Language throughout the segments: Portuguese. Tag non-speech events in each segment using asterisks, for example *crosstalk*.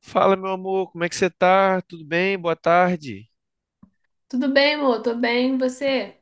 Fala, meu amor, como é que você tá? Tudo bem? Boa tarde. Tudo bem, amor? Tô bem, e você?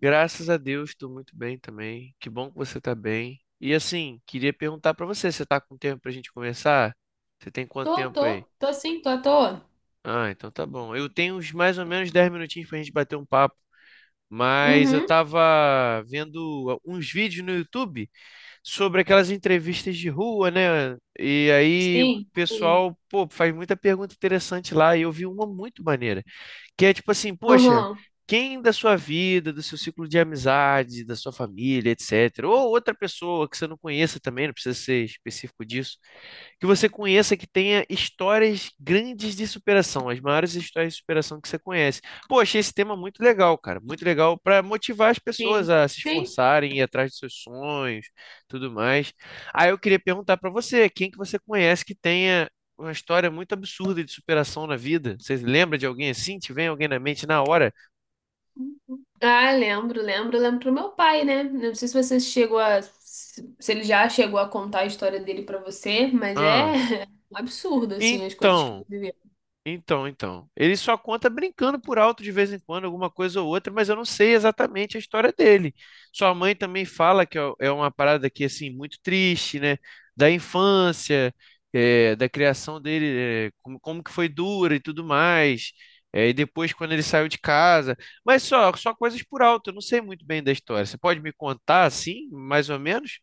Graças a Deus, estou muito bem também. Que bom que você tá bem. E assim, queria perguntar pra você, você tá com tempo pra gente conversar? Você tem quanto Tô, tempo aí? tô, tô sim, tô à toa. Ah, então tá bom. Eu tenho uns mais ou menos 10 minutinhos pra gente bater um papo, mas eu Uhum, tava vendo uns vídeos no YouTube sobre aquelas entrevistas de rua, né? E aí o sim, sim. pessoal, pô, faz muita pergunta interessante lá e eu vi uma muito maneira. Que é tipo assim, poxa, Aham, quem da sua vida, do seu ciclo de amizade, da sua família, etc., ou outra pessoa que você não conheça também, não precisa ser específico disso, que você conheça, que tenha histórias grandes de superação, as maiores histórias de superação que você conhece. Pô, achei esse tema muito legal, cara, muito legal para motivar as pessoas sim, a se sim. esforçarem, ir atrás dos seus sonhos, tudo mais. Aí eu queria perguntar para você, quem que você conhece que tenha uma história muito absurda de superação na vida? Você lembra de alguém assim? Te vem alguém na mente na hora? Ah, lembro, lembro, lembro pro meu pai, né? Não sei se você chegou a... Se ele já chegou a contar a história dele pra você, mas é Ah, *laughs* um absurdo, assim, as coisas que ele então viveu. então. Ele só conta brincando por alto de vez em quando, alguma coisa ou outra, mas eu não sei exatamente a história dele. Sua mãe também fala que é uma parada que, assim, muito triste, né? Da infância, é, da criação dele, é, como que foi dura e tudo mais. É, e depois, quando ele saiu de casa. Mas só coisas por alto, eu não sei muito bem da história. Você pode me contar, assim, mais ou menos?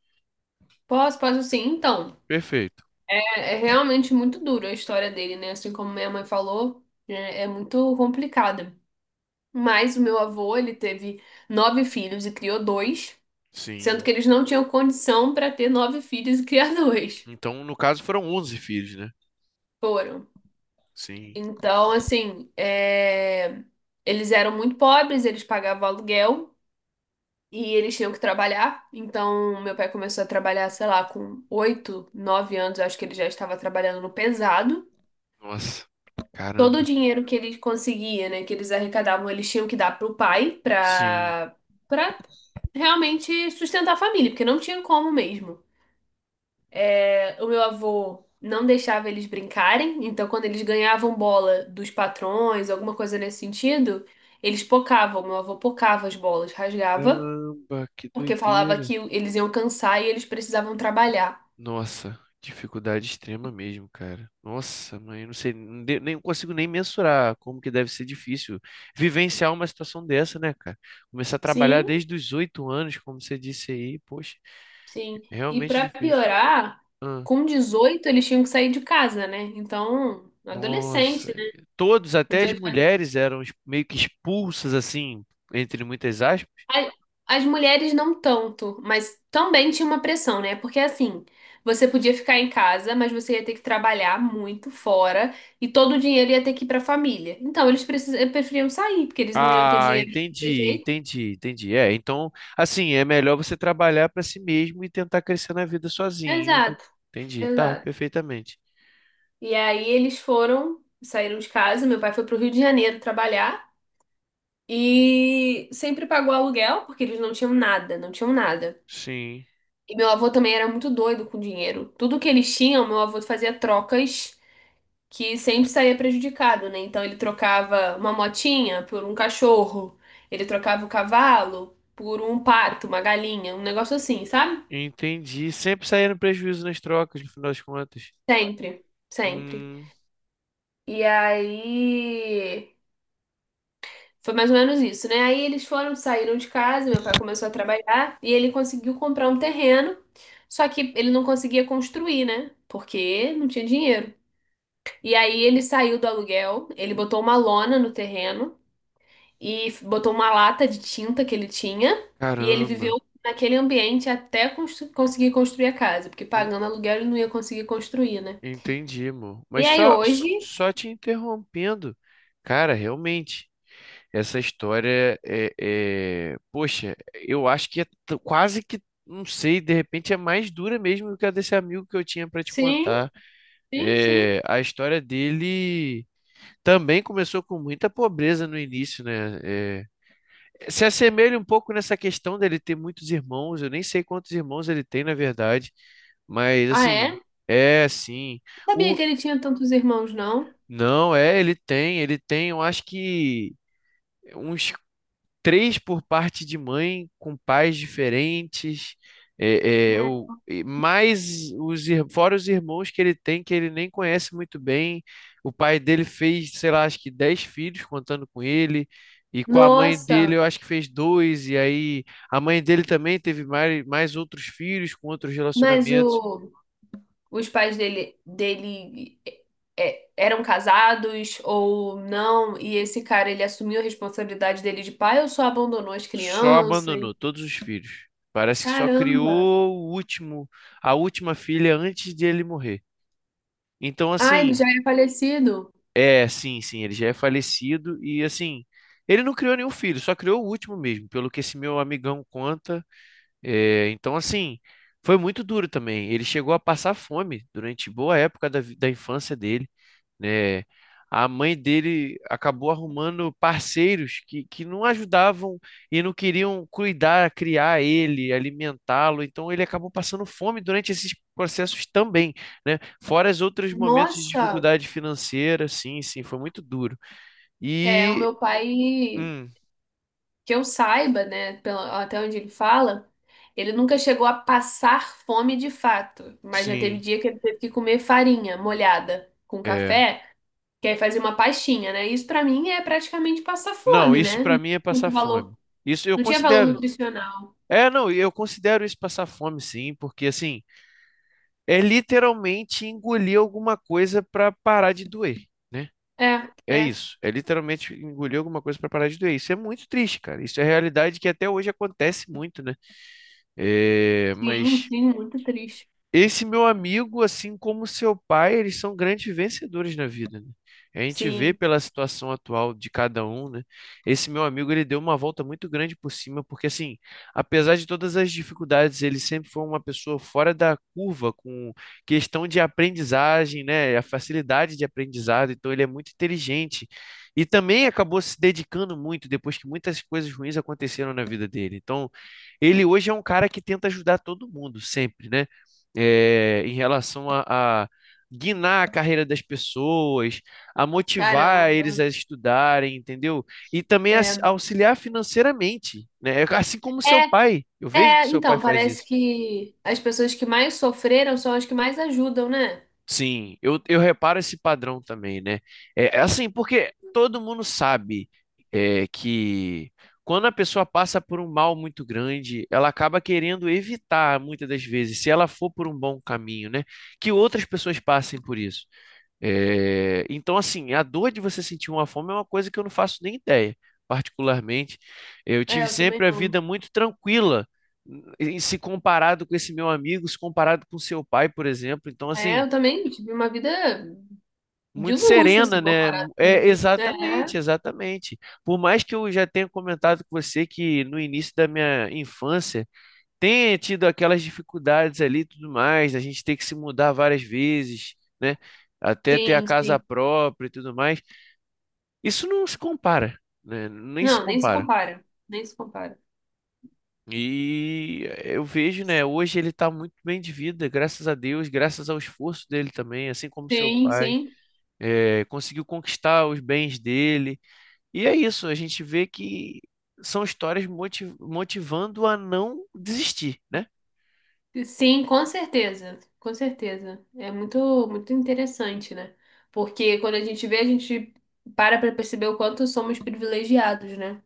Posso, posso sim. Então, Perfeito. é realmente muito duro a história dele, né? Assim como minha mãe falou, é muito complicada. Mas o meu avô, ele teve nove filhos e criou dois. Sendo Sim. que eles não tinham condição para ter nove filhos e criar *laughs* dois. Então, no caso, foram 11 filhos, né? Foram. Sim. Então, assim, é, eles eram muito pobres, eles pagavam aluguel e eles tinham que trabalhar. Então, meu pai começou a trabalhar, sei lá, com 8, 9 anos, eu acho que ele já estava trabalhando no pesado. Nossa, Todo o caramba. dinheiro que ele conseguia, né, que eles arrecadavam, eles tinham que dar pro pai Sim. para para realmente sustentar a família, porque não tinha como mesmo. O meu avô não deixava eles brincarem, então quando eles ganhavam bola dos patrões, alguma coisa nesse sentido, eles pocavam. Meu avô pocava as bolas, rasgava, Caramba, que porque falava doideira. que eles iam cansar e eles precisavam trabalhar. Nossa, dificuldade extrema mesmo, cara. Nossa, mãe, eu não sei, nem consigo nem mensurar como que deve ser difícil vivenciar uma situação dessa, né, cara? Começar a trabalhar Sim, desde os 8 anos, como você disse aí, poxa, sim. E realmente pra difícil. piorar, Ah, com 18 eles tinham que sair de casa, né? Então, nossa, adolescente, né? todos, Com até as 18 mulheres, eram meio que expulsas, assim, entre muitas aspas. A- As mulheres não tanto, mas também tinha uma pressão, né? Porque assim, você podia ficar em casa, mas você ia ter que trabalhar muito fora e todo o dinheiro ia ter que ir para a família. Então, eles preferiam sair, porque eles não iam ter Ah, dinheiro de qualquer entendi, jeito. entendi, entendi. É, então, assim, é melhor você trabalhar para si mesmo e tentar crescer na vida sozinho. Exato, Entendi, tá, exato. perfeitamente. E aí eles foram, saíram de casa, meu pai foi pro Rio de Janeiro trabalhar e sempre pagou aluguel, porque eles não tinham nada, não tinham nada. Sim, E meu avô também era muito doido com dinheiro. Tudo que eles tinham, meu avô fazia trocas que sempre saía prejudicado, né? Então ele trocava uma motinha por um cachorro, ele trocava o cavalo por um pato, uma galinha, um negócio assim, sabe? entendi. Sempre saindo prejuízo nas trocas, no final das contas. Sempre, sempre. Hum, E aí foi mais ou menos isso, né? Aí eles foram, saíram de casa, meu pai começou a trabalhar e ele conseguiu comprar um terreno, só que ele não conseguia construir, né? Porque não tinha dinheiro. E aí ele saiu do aluguel, ele botou uma lona no terreno. E botou uma lata de tinta que ele tinha e ele caramba. viveu naquele ambiente até conseguir construir a casa, porque E- pagando aluguel ele não ia conseguir construir, né? Entendi, amor. E Mas aí só, hoje, só te interrompendo. Cara, realmente. Essa história Poxa, eu acho que é quase que. Não sei, de repente é mais dura mesmo do que a desse amigo que eu tinha para te sim, contar. sim, sim. É, a história dele também começou com muita pobreza no início, né? É, se assemelha um pouco nessa questão dele ter muitos irmãos, eu nem sei quantos irmãos ele tem, na verdade, mas Ah, é? assim, Não é assim. sabia O... que ele tinha tantos irmãos, não? Não, é, ele tem, eu acho que. Uns três por parte de mãe, com pais diferentes, é, é, Hum. o- e mais fora os irmãos que ele tem, que ele nem conhece muito bem. O pai dele fez, sei lá, acho que 10 filhos contando com ele. E com a mãe dele, Nossa, eu acho que fez dois, e aí a mãe dele também teve mais outros filhos com outros mas relacionamentos, os pais dele, eram casados ou não? E esse cara, ele assumiu a responsabilidade dele de pai ou só abandonou as só crianças? abandonou todos os filhos. Parece que só Caramba! criou o último, a última filha antes de ele morrer. Então, Ah, ele assim, já é falecido? É, sim, sim, ele já é falecido e assim, ele não criou nenhum filho, só criou o último mesmo, pelo que esse meu amigão conta. É, então, assim, foi muito duro também. Ele chegou a passar fome durante boa época da infância dele, né? A mãe dele acabou arrumando parceiros que não ajudavam e não queriam cuidar, criar ele, alimentá-lo. Então ele acabou passando fome durante esses processos também, né? Fora os outros momentos de Nossa, dificuldade financeira, sim, sim, foi muito duro. é, o E, meu pai, hum, que eu saiba, né, até onde ele fala, ele nunca chegou a passar fome de fato, mas já teve sim, dia que ele teve que comer farinha molhada com é. café, que aí fazia uma pastinha, né? Isso pra mim é praticamente passar Não, fome, isso né? para Não tinha mim é passar muito fome. valor, Isso eu não tinha valor considero. nutricional. É, não, eu considero isso passar fome, sim, porque assim. É literalmente engolir alguma coisa para parar de doer, né? É, É é. isso. É literalmente engolir alguma coisa para parar de doer. Isso é muito triste, cara. Isso é realidade que até hoje acontece muito, né? É, Sim, mas sim, muito triste. esse meu amigo, assim como seu pai, eles são grandes vencedores na vida, né? A gente vê Sim, pela situação atual de cada um, né? Esse meu amigo, ele deu uma volta muito grande por cima, porque assim, apesar de todas as dificuldades, ele sempre foi uma pessoa fora da curva com questão de aprendizagem, né? A facilidade de aprendizado, então ele é muito inteligente. E também acabou se dedicando muito depois que muitas coisas ruins aconteceram na vida dele. Então, ele hoje é um cara que tenta ajudar todo mundo sempre, né? é, em relação a guinar a carreira das pessoas, a motivar eles caramba. a estudarem, entendeu? E também É. auxiliar financeiramente, né? Assim como seu É, pai. Eu vejo que É, seu pai então, faz parece isso. que as pessoas que mais sofreram são as que mais ajudam, né? Sim, eu reparo esse padrão também, né? É assim, porque todo mundo sabe é, que quando a pessoa passa por um mal muito grande, ela acaba querendo evitar, muitas das vezes, se ela for por um bom caminho, né? Que outras pessoas passem por isso. É, então, assim, a dor de você sentir uma fome é uma coisa que eu não faço nem ideia, particularmente. Eu É, tive eu também sempre a não. vida muito tranquila, em se comparado com esse meu amigo, se comparado com seu pai, por exemplo. Então, É, assim, eu também tive uma vida de muito luxo, assim, serena, né? comparado com a É, vida. É, exatamente, exatamente. Por mais que eu já tenha comentado com você que no início da minha infância tenha tido aquelas dificuldades ali e tudo mais, a gente ter que se mudar várias vezes, né? Até ter a sim, casa sim. própria e tudo mais. Isso não se compara, né? Nem se Não, nem se compara. compara. Nem se compara. E eu vejo, né? Hoje ele está muito bem de vida, graças a Deus, graças ao esforço dele também, assim como seu Sim, pai, sim. Conseguiu conquistar os bens dele. E é isso, a gente vê que são histórias motivando a não desistir, né? Sim, com certeza. Com certeza. É muito, muito interessante, né? Porque quando a gente vê, a gente para pra perceber o quanto somos privilegiados, né?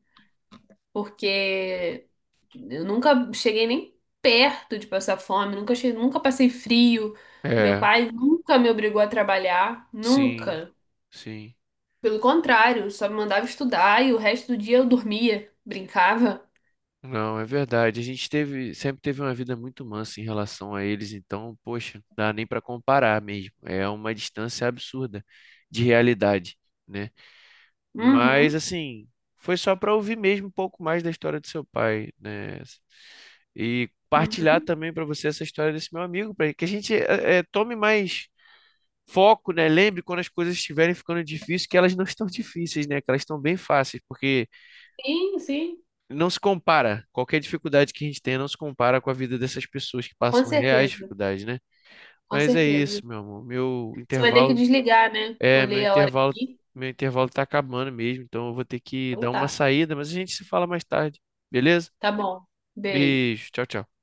Porque eu nunca cheguei nem perto de passar fome, nunca cheguei, nunca passei frio. Meu É, pai nunca me obrigou a trabalhar, sim, nunca. sim. Pelo contrário, só me mandava estudar e o resto do dia eu dormia, brincava. Não, é verdade. A gente teve, sempre teve uma vida muito mansa em relação a eles, então, poxa, não dá nem para comparar mesmo. É uma distância absurda de realidade, né? Mas Uhum, assim, foi só para ouvir mesmo um pouco mais da história do seu pai, né? E partilhar uhum. também para você essa história desse meu amigo, para que a gente tome mais foco, né? Lembre quando as coisas estiverem ficando difíceis que elas não estão *laughs* difíceis, né? Que elas estão bem fáceis, porque Sim, sim, não se compara. Qualquer dificuldade que a gente tenha não se compara com a vida dessas pessoas que com passam reais certeza, dificuldades, né? com Mas é certeza. isso, meu amor. Meu Você vai ter que intervalo desligar, né? é, Olhei a hora aqui. meu intervalo tá acabando mesmo, então eu vou ter que Então dar uma tá, saída, mas a gente se fala mais tarde, beleza? tá bom. Beijo. Beijo, tchau, tchau.